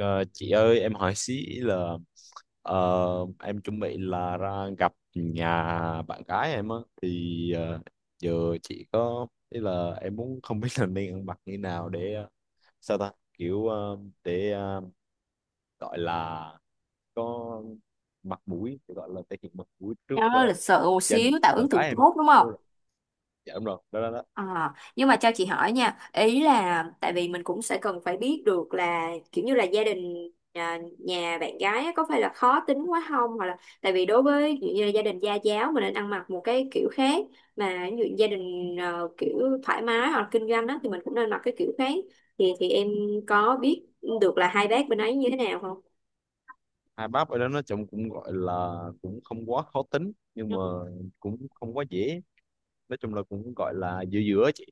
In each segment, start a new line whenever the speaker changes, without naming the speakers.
Ờ, chị ơi em hỏi xí là ờ, em chuẩn bị là ra gặp nhà bạn gái em á thì giờ chị có ý là em muốn không biết là nên ăn mặc như nào để sao ta kiểu để gọi là có mặt mũi để gọi là thể hiện mặt mũi trước
Cho lịch sự một
gia
xíu
đình
tạo
bạn
ấn tượng
gái em á.
tốt đúng không?
Đúng rồi. Dạ đúng rồi, đó, đó, đó.
À, nhưng mà cho chị hỏi nha, ý là tại vì mình cũng sẽ cần phải biết được là kiểu như là gia đình nhà bạn gái á, có phải là khó tính quá không, hoặc là tại vì đối với ví dụ như là gia đình gia giáo mình nên ăn mặc một cái kiểu khác, mà ví dụ gia đình kiểu thoải mái hoặc là kinh doanh đó thì mình cũng nên mặc cái kiểu khác. Thì em có biết được là hai bác bên ấy như thế nào không?
Hai bác ở đó nói chung cũng gọi là cũng không quá khó tính nhưng
Ừ,
mà cũng không quá dễ, nói chung là cũng gọi là giữa giữa chị.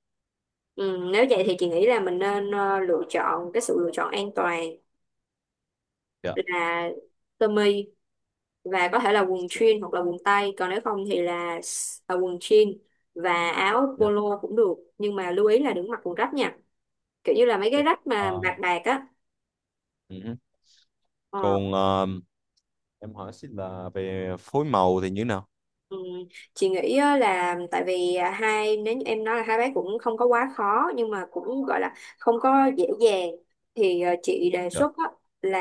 ừ, nếu vậy thì chị nghĩ là mình nên lựa chọn cái sự lựa chọn an toàn
Dạ.
là sơ mi và có thể là quần
Dạ.
jean hoặc là quần tây, còn nếu không thì là quần jean và áo
Dạ.
polo cũng được, nhưng mà lưu ý là đừng mặc quần rách nha, kiểu như là mấy cái
Ok.
rách mà
À,
bạc bạc á
ừ.
ờ,
Còn em hỏi xin là về phối màu thì như thế nào?
Ừ. Chị nghĩ á là tại vì à, hai nếu như em nói là hai bác cũng không có quá khó nhưng mà cũng gọi là không có dễ dàng, thì chị đề
Dạ.
xuất á, là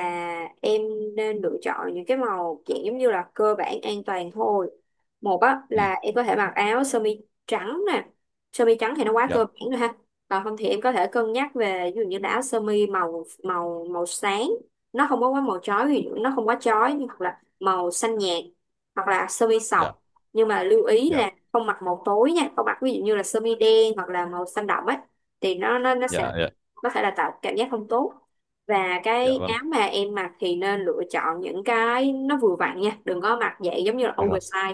em nên lựa chọn những cái màu dạng giống như là cơ bản an toàn thôi. Một á,
Ừ.
là em có thể mặc áo sơ mi trắng nè. Sơ mi trắng thì nó quá
Dạ.
cơ bản rồi ha. Còn không thì em có thể cân nhắc về ví dụ như là áo sơ mi màu màu màu sáng, nó không có quá màu chói, thì nó không quá chói, nhưng hoặc là màu xanh nhạt hoặc là sơ mi
Dạ.
sọc. Nhưng mà lưu ý
Dạ.
là không mặc màu tối nha, không mặc ví dụ như là sơ mi đen hoặc là màu xanh đậm ấy, thì nó sẽ
Dạ. Dạ.
có thể là tạo cảm giác không tốt. Và
Dạ
cái
vâng.
áo mà em mặc thì nên lựa chọn những cái nó vừa vặn nha, đừng có mặc dạng giống như là
Dạ rồi.
oversize.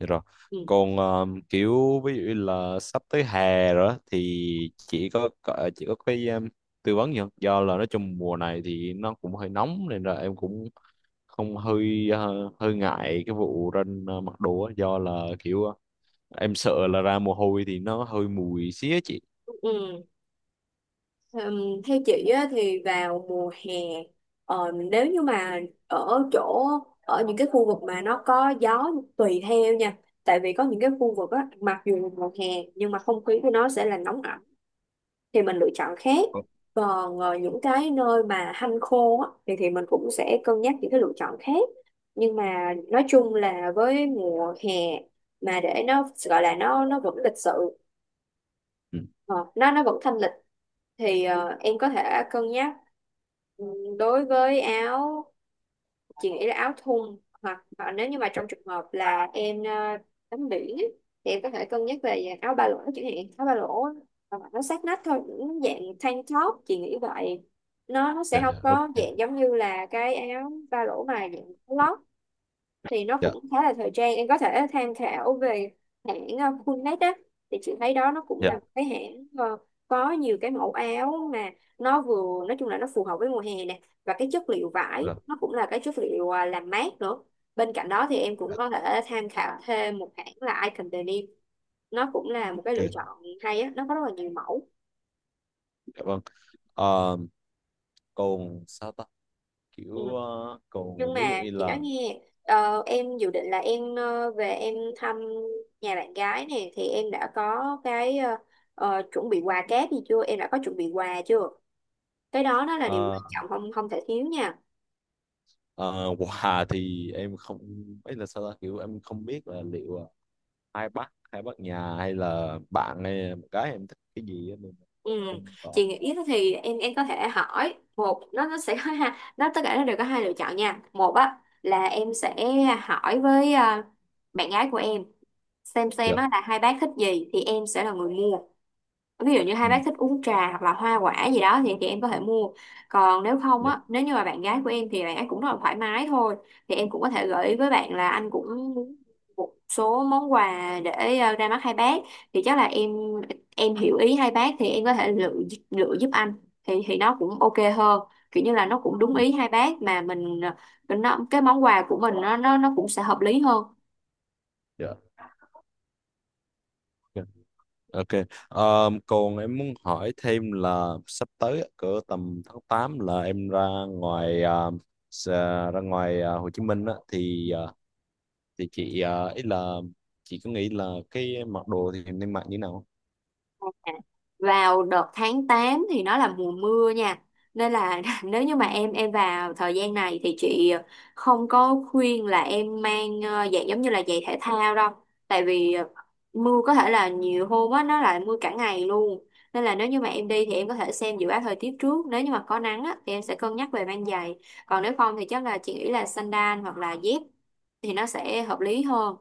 Dạ rồi.
Ừ.
Còn kiểu ví dụ như là sắp tới hè rồi á, thì chỉ có cái em tư vấn gì không? Do là nói chung mùa này thì nó cũng hơi nóng nên là em cũng không hơi hơi ngại cái vụ ra mặc đồ á, do là kiểu em sợ là ra mồ hôi thì nó hơi mùi xía chị.
Ừ. Theo chị á, thì vào mùa hè, nếu như mà ở chỗ ở những cái khu vực mà nó có gió, tùy theo nha, tại vì có những cái khu vực á, mặc dù là mùa hè nhưng mà không khí của nó sẽ là nóng ẩm, thì mình lựa chọn khác. Còn những cái nơi mà hanh khô á, thì mình cũng sẽ cân nhắc những cái lựa chọn khác. Nhưng mà nói chung là với mùa hè, mà để nó gọi là nó vẫn lịch sự,
Ừ.
ờ, nó vẫn thanh lịch, thì em có thể cân nhắc. Ừ, đối với áo, chị nghĩ là áo thun, hoặc nếu như mà
Dạ,
trong trường hợp là em tắm biển á, thì em có thể cân nhắc về dạng áo ba lỗ, chẳng hạn áo ba lỗ á, hoặc là nó sát nách thôi, những dạng tank top, chị nghĩ vậy. Nó sẽ
dạ,
không
dạ, ok.
có dạng giống như là cái áo ba lỗ mà dạng có lót, thì nó
dạ
cũng khá là thời trang. Em có thể tham khảo về hãng Fullnet á, thì chị thấy đó nó cũng
Dạ.
là một cái hãng có nhiều cái mẫu áo mà nó vừa nói chung là nó phù hợp với mùa hè nè, và cái chất liệu vải
Rồi.
nó cũng là cái chất liệu làm mát nữa. Bên cạnh đó thì em cũng
Dạ,
có thể tham khảo thêm một hãng là Icon Denim, nó cũng là một cái lựa
ok.
chọn hay á, nó có rất là nhiều mẫu.
Dạ vâng. Ờ, còn sao ta
Ừ.
kiểu còn
Nhưng
ví dụ
mà
như
chị nói
là
nghe, em dự định là em về em thăm nhà bạn gái nè, thì em đã có cái chuẩn bị quà cáp gì chưa, em đã có chuẩn bị quà chưa? Cái đó nó là điều
ờ,
quan trọng không không thể thiếu nha.
ờ, quà thì em không, ấy là sao ta kiểu em không biết là liệu hai bác nhà hay là bạn hay là một cái em thích cái gì á, nên là
Ừ.
không có.
Chị nghĩ thì em có thể hỏi một, nó sẽ có hai, nó tất cả nó đều có hai lựa chọn nha. Một á là em sẽ hỏi với bạn gái của em, xem
Dạ.
á là hai bác thích gì thì em sẽ là người mua. Ví dụ như hai
Ừ,
bác thích uống trà hoặc là hoa quả gì đó thì em có thể mua. Còn nếu không
dạ.
á, nếu như mà bạn gái của em thì bạn ấy cũng rất là thoải mái thôi, thì em cũng có thể gợi ý với bạn là anh cũng muốn một số món quà để ra mắt hai bác, thì chắc là em hiểu ý hai bác, thì em có thể lựa lựa giúp anh, thì nó cũng ok hơn, kiểu như là nó cũng đúng
Ừ,
ý hai bác mà mình, cái món quà của mình nó cũng sẽ hợp lý hơn.
dạ. Ok. Còn em muốn hỏi thêm là sắp tới á, cỡ tầm tháng 8 là em ngoài ờ, ra ngoài Hồ Chí Minh á, thì thì chị ý là chị có nghĩ là cái mặc đồ thì em nên mặc như thế nào không?
À, vào đợt tháng 8 thì nó là mùa mưa nha, nên là nếu như mà em vào thời gian này thì chị không có khuyên là em mang giày giống như là giày thể thao đâu, tại vì mưa có thể là nhiều hôm á, nó lại mưa cả ngày luôn. Nên là nếu như mà em đi thì em có thể xem dự báo thời tiết trước, nếu như mà có nắng á, thì em sẽ cân nhắc về mang giày. Còn nếu không thì chắc là chị nghĩ là sandal hoặc là dép thì nó sẽ hợp lý hơn.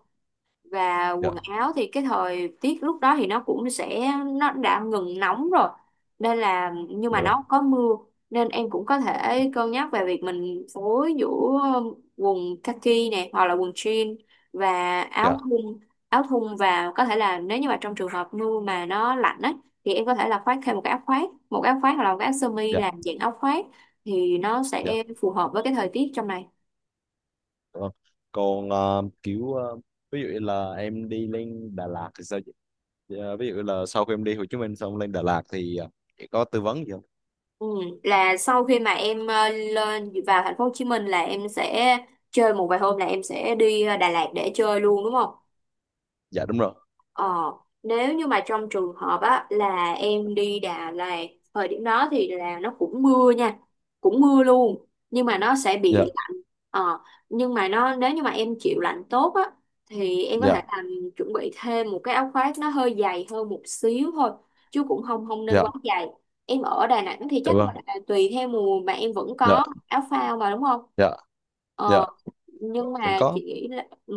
Và
Dạ,
quần áo thì cái thời tiết lúc đó thì nó cũng sẽ nó đã ngừng nóng rồi, nên là, nhưng
dạ
mà
rồi,
nó có mưa nên em cũng có thể cân nhắc về việc mình phối giữa quần kaki này hoặc là quần jean và áo
dạ,
thun áo thun và có thể là nếu như mà trong trường hợp mưa mà nó lạnh ấy, thì em có thể là khoác thêm một cái áo khoác hoặc là một cái áo sơ mi
dạ,
làm dạng áo khoác, thì nó
dạ.
sẽ phù hợp với cái thời tiết trong này.
Vâng. Còn kiểu ví dụ như là em đi lên Đà Lạt thì sao chị? Dạ, ví dụ là sau khi em đi Hồ Chí Minh xong lên Đà Lạt thì chị có tư vấn gì không?
Ừ, là sau khi mà em lên vào thành phố Hồ Chí Minh là em sẽ chơi một vài hôm, là em sẽ đi Đà Lạt để chơi luôn đúng không?
Dạ đúng rồi.
Ờ, nếu như mà trong trường hợp á là em đi Đà Lạt, thời điểm đó thì là nó cũng mưa nha, cũng mưa luôn nhưng mà nó sẽ
Dạ,
bị lạnh. ờ, nhưng mà nó, nếu như mà em chịu lạnh tốt á thì em có
dạ,
thể làm chuẩn bị thêm một cái áo khoác nó hơi dày hơn một xíu thôi, chứ cũng không không nên
dạ,
quá dày. Em ở Đà Nẵng thì
dạ
chắc
vâng,
là tùy theo mùa mà em vẫn
dạ,
có áo phao mà đúng không?
dạ. Dạ
Ờ, nhưng
vẫn
mà
có.
chị nghĩ là, ừ,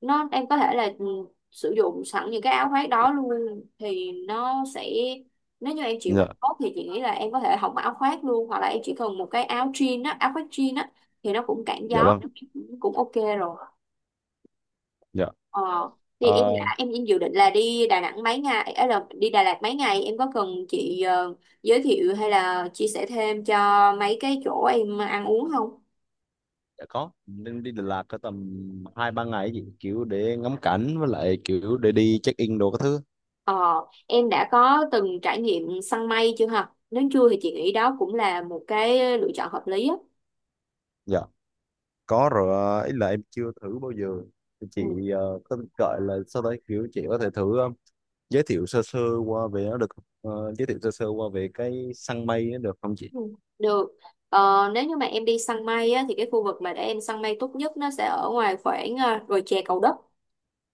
nó em có thể là sử dụng sẵn những cái áo khoác đó luôn, thì nó sẽ nếu như em chịu làm
Dạ.
tốt thì chị nghĩ là em có thể hỏng áo khoác luôn, hoặc là em chỉ cần một cái áo jean á, áo khoác jean á, thì nó cũng cản
Dạ
gió
vâng.
cũng ok rồi.
Dạ.
ờ thì em
Ờ,
đã em dự định là đi Đà Nẵng mấy ngày, ấy là đi Đà Lạt mấy ngày, em có cần chị giới thiệu hay là chia sẻ thêm cho mấy cái chỗ em ăn uống không?
dạ có. Nên đi Đà Lạt có tầm hai ba ngày ấy, kiểu để ngắm cảnh với lại kiểu để đi check in đồ các thứ.
Ờ em đã có từng trải nghiệm săn mây chưa hả? Nếu chưa thì chị nghĩ đó cũng là một cái lựa chọn hợp lý á.
Dạ có rồi. Ý là em chưa thử bao giờ. Thì chị
Ừ.
có gọi là sau đấy kiểu chị có thể thử giới thiệu sơ sơ qua về nó được không? Giới thiệu sơ sơ qua về cái săn mây nó được không chị?
Ừ. Được. Nếu như mà em đi săn mây á, thì cái khu vực mà để em săn mây tốt nhất nó sẽ ở ngoài khoảng đồi chè Cầu Đất.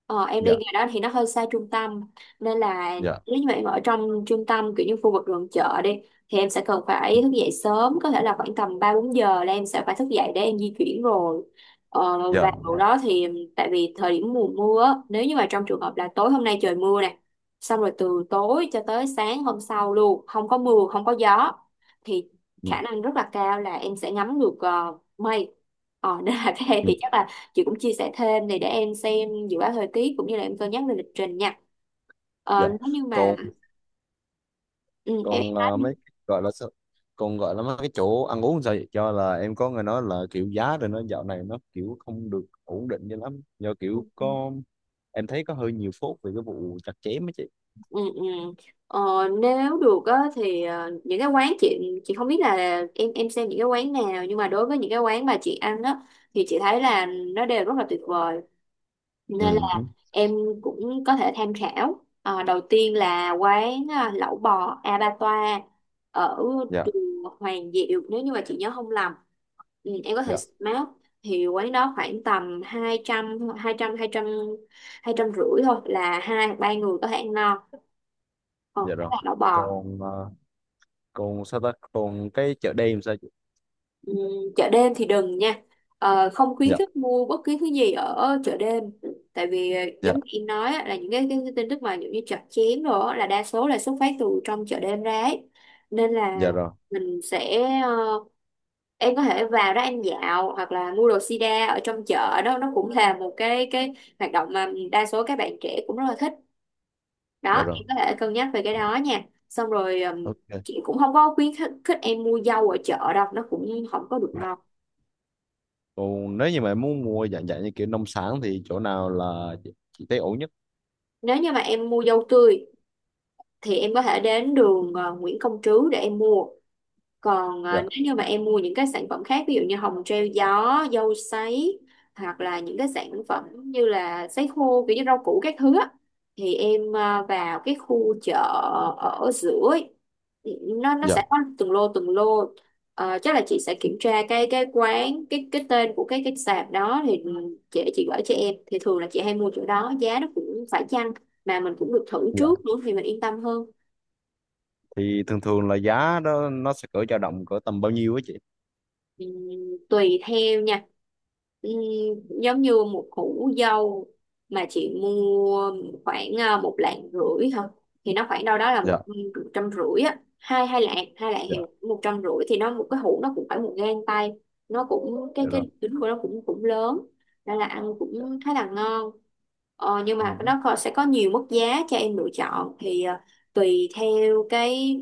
Em đi
Dạ.
ngày đó thì nó hơi xa trung tâm, nên là
Dạ.
nếu như mà em ở trong trung tâm kiểu như khu vực gần chợ đi thì em sẽ cần phải thức dậy sớm, có thể là khoảng tầm 3-4 giờ là em sẽ phải thức dậy để em di chuyển rồi.
Dạ.
Và lúc đó thì, tại vì thời điểm mùa mưa á, nếu như mà trong trường hợp là tối hôm nay trời mưa nè, xong rồi từ tối cho tới sáng hôm sau luôn không có mưa không có gió, thì
Ừ,
khả năng rất là cao là em sẽ ngắm được mây. Nên là các em
ừ,
thì chắc là chị cũng chia sẻ thêm này để em xem dự báo thời tiết cũng như là em cân nhắc về lịch trình nha.
dạ.
Nếu như mà
Còn,
ừ,
còn
em nói đi.
mấy cái gọi là sao, còn gọi là mấy cái chỗ ăn uống sao vậy, cho là em có nghe nói là kiểu giá rồi nó dạo này nó kiểu không được ổn định cho lắm, do
Ừ,
kiểu có em thấy có hơi nhiều phốt về cái vụ chặt chém ấy chị.
ừ. Ừ. Ờ, Nếu được á, thì những cái quán chị không biết là em xem những cái quán nào, nhưng mà đối với những cái quán mà chị ăn á, thì chị thấy là nó đều rất là tuyệt vời, nên
Ừ.
là
Ừ,
em cũng có thể tham khảo. Ờ, Đầu tiên là quán lẩu bò A Ba Toa ở
dạ.
đường Hoàng Diệu, nếu như mà chị nhớ không lầm. Ừ, em có thể
Dạ.
map. Thì quán đó khoảng tầm hai hai hai trăm trăm trăm 250.000 thôi là hai ba người có thể ăn no. Ờ,
Dạ
đó
rồi.
là lẩu bò.
Còn còn sao ta, còn cái chợ đêm sao chị?
Ừ, chợ đêm thì đừng nha. Ờ, không khuyến
Dạ.
khích mua bất cứ thứ gì ở chợ đêm, tại vì
Dạ.
giống như em nói á, là cái tin tức mà giống như chặt chém đồ á, là đa số là xuất phát từ trong chợ đêm ra ấy. Nên là
Dạ rồi.
mình sẽ em có thể vào đó ăn dạo hoặc là mua đồ sida ở trong chợ, đó nó cũng là một cái hoạt động mà đa số các bạn trẻ cũng rất là thích. Đó,
Dạ rồi.
em có thể cân nhắc về cái đó nha. Xong rồi
Ok.
chị cũng không có khuyến khích khích em mua dâu ở chợ đâu, nó cũng không có được ngon.
Còn nếu như mà em muốn mua dạng dạng như kiểu nông sản thì chỗ nào là chị thấy ổn nhất?
Nếu như mà em mua dâu tươi thì em có thể đến đường Nguyễn Công Trứ để em mua. Còn
Dạ.
nếu như mà em mua những cái sản phẩm khác, ví dụ như hồng treo gió, dâu sấy, hoặc là những cái sản phẩm như là sấy khô kiểu như rau củ các thứ á, thì em vào cái khu chợ ở giữa ấy, nó sẽ
Dạ.
có từng lô từng lô. Ờ, chắc là chị sẽ kiểm tra cái tên của cái sạp đó thì chị gửi cho em, thì thường là chị hay mua chỗ đó, giá nó cũng phải chăng mà mình cũng được thử
Dạ.
trước nữa thì mình yên tâm hơn.
Thì thường thường là giá đó nó sẽ cỡ dao động cỡ tầm bao nhiêu á chị?
Ừ, tùy theo nha. Ừ, giống như một củ dâu mà chị mua khoảng một lạng rưỡi thôi thì nó khoảng đâu đó là một
Dạ.
trăm rưỡi á, hai hai lạng 2 lạng thì
Dạ.
150.000, thì nó một cái hũ nó cũng phải một gang tay, nó cũng cái
Dạ rồi.
cái trứng của nó cũng cũng lớn, nên là ăn cũng khá là ngon. Nhưng mà
Ừ.
sẽ có nhiều mức giá cho em lựa chọn, thì tùy theo cái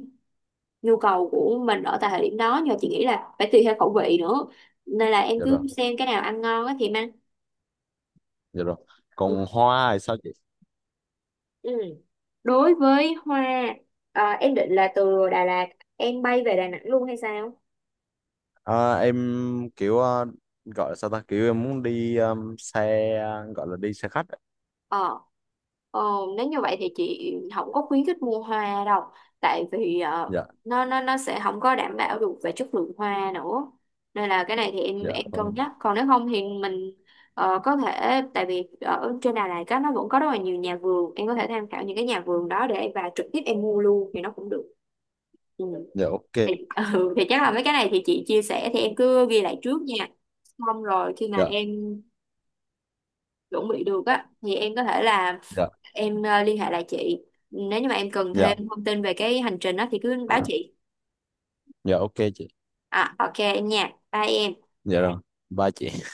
nhu cầu của mình ở tại thời điểm đó, nhưng mà chị nghĩ là phải tùy theo khẩu vị nữa, nên là em
Dạ rồi.
cứ xem cái nào ăn ngon á thì em ăn.
Dạ rồi.
Ừ.
Còn hoa thì sao chị?
Ừ. Đối với hoa, em định là từ Đà Lạt em bay về Đà Nẵng luôn hay sao?
À, em kiểu gọi là sao ta kiểu em muốn đi xe, gọi là đi xe khách á.
Ờ, ờ, Nếu như vậy thì chị không có khuyến khích mua hoa đâu, tại vì
Dạ.
nó sẽ không có đảm bảo được về chất lượng hoa nữa, nên là cái này thì em
Dạ
em
vâng.
cân nhắc, còn nếu không thì mình có thể, tại vì ở trên Đà Lạt á, nó vẫn có rất là nhiều nhà vườn, em có thể tham khảo những cái nhà vườn đó để và trực tiếp em mua luôn thì nó cũng được. Ừ.
Dạ ok.
Thì, ừ, thì chắc là mấy cái này thì chị chia sẻ thì em cứ ghi lại trước nha, xong rồi khi mà
Dạ.
em chuẩn bị được á thì em có thể là
Dạ.
em liên hệ lại chị. Nếu như mà em cần
Dạ.
thêm thông tin về cái hành trình đó thì cứ báo chị.
Dạ ok chị.
À, ok em nha, bye em.
Dạ rồi. Bye chị.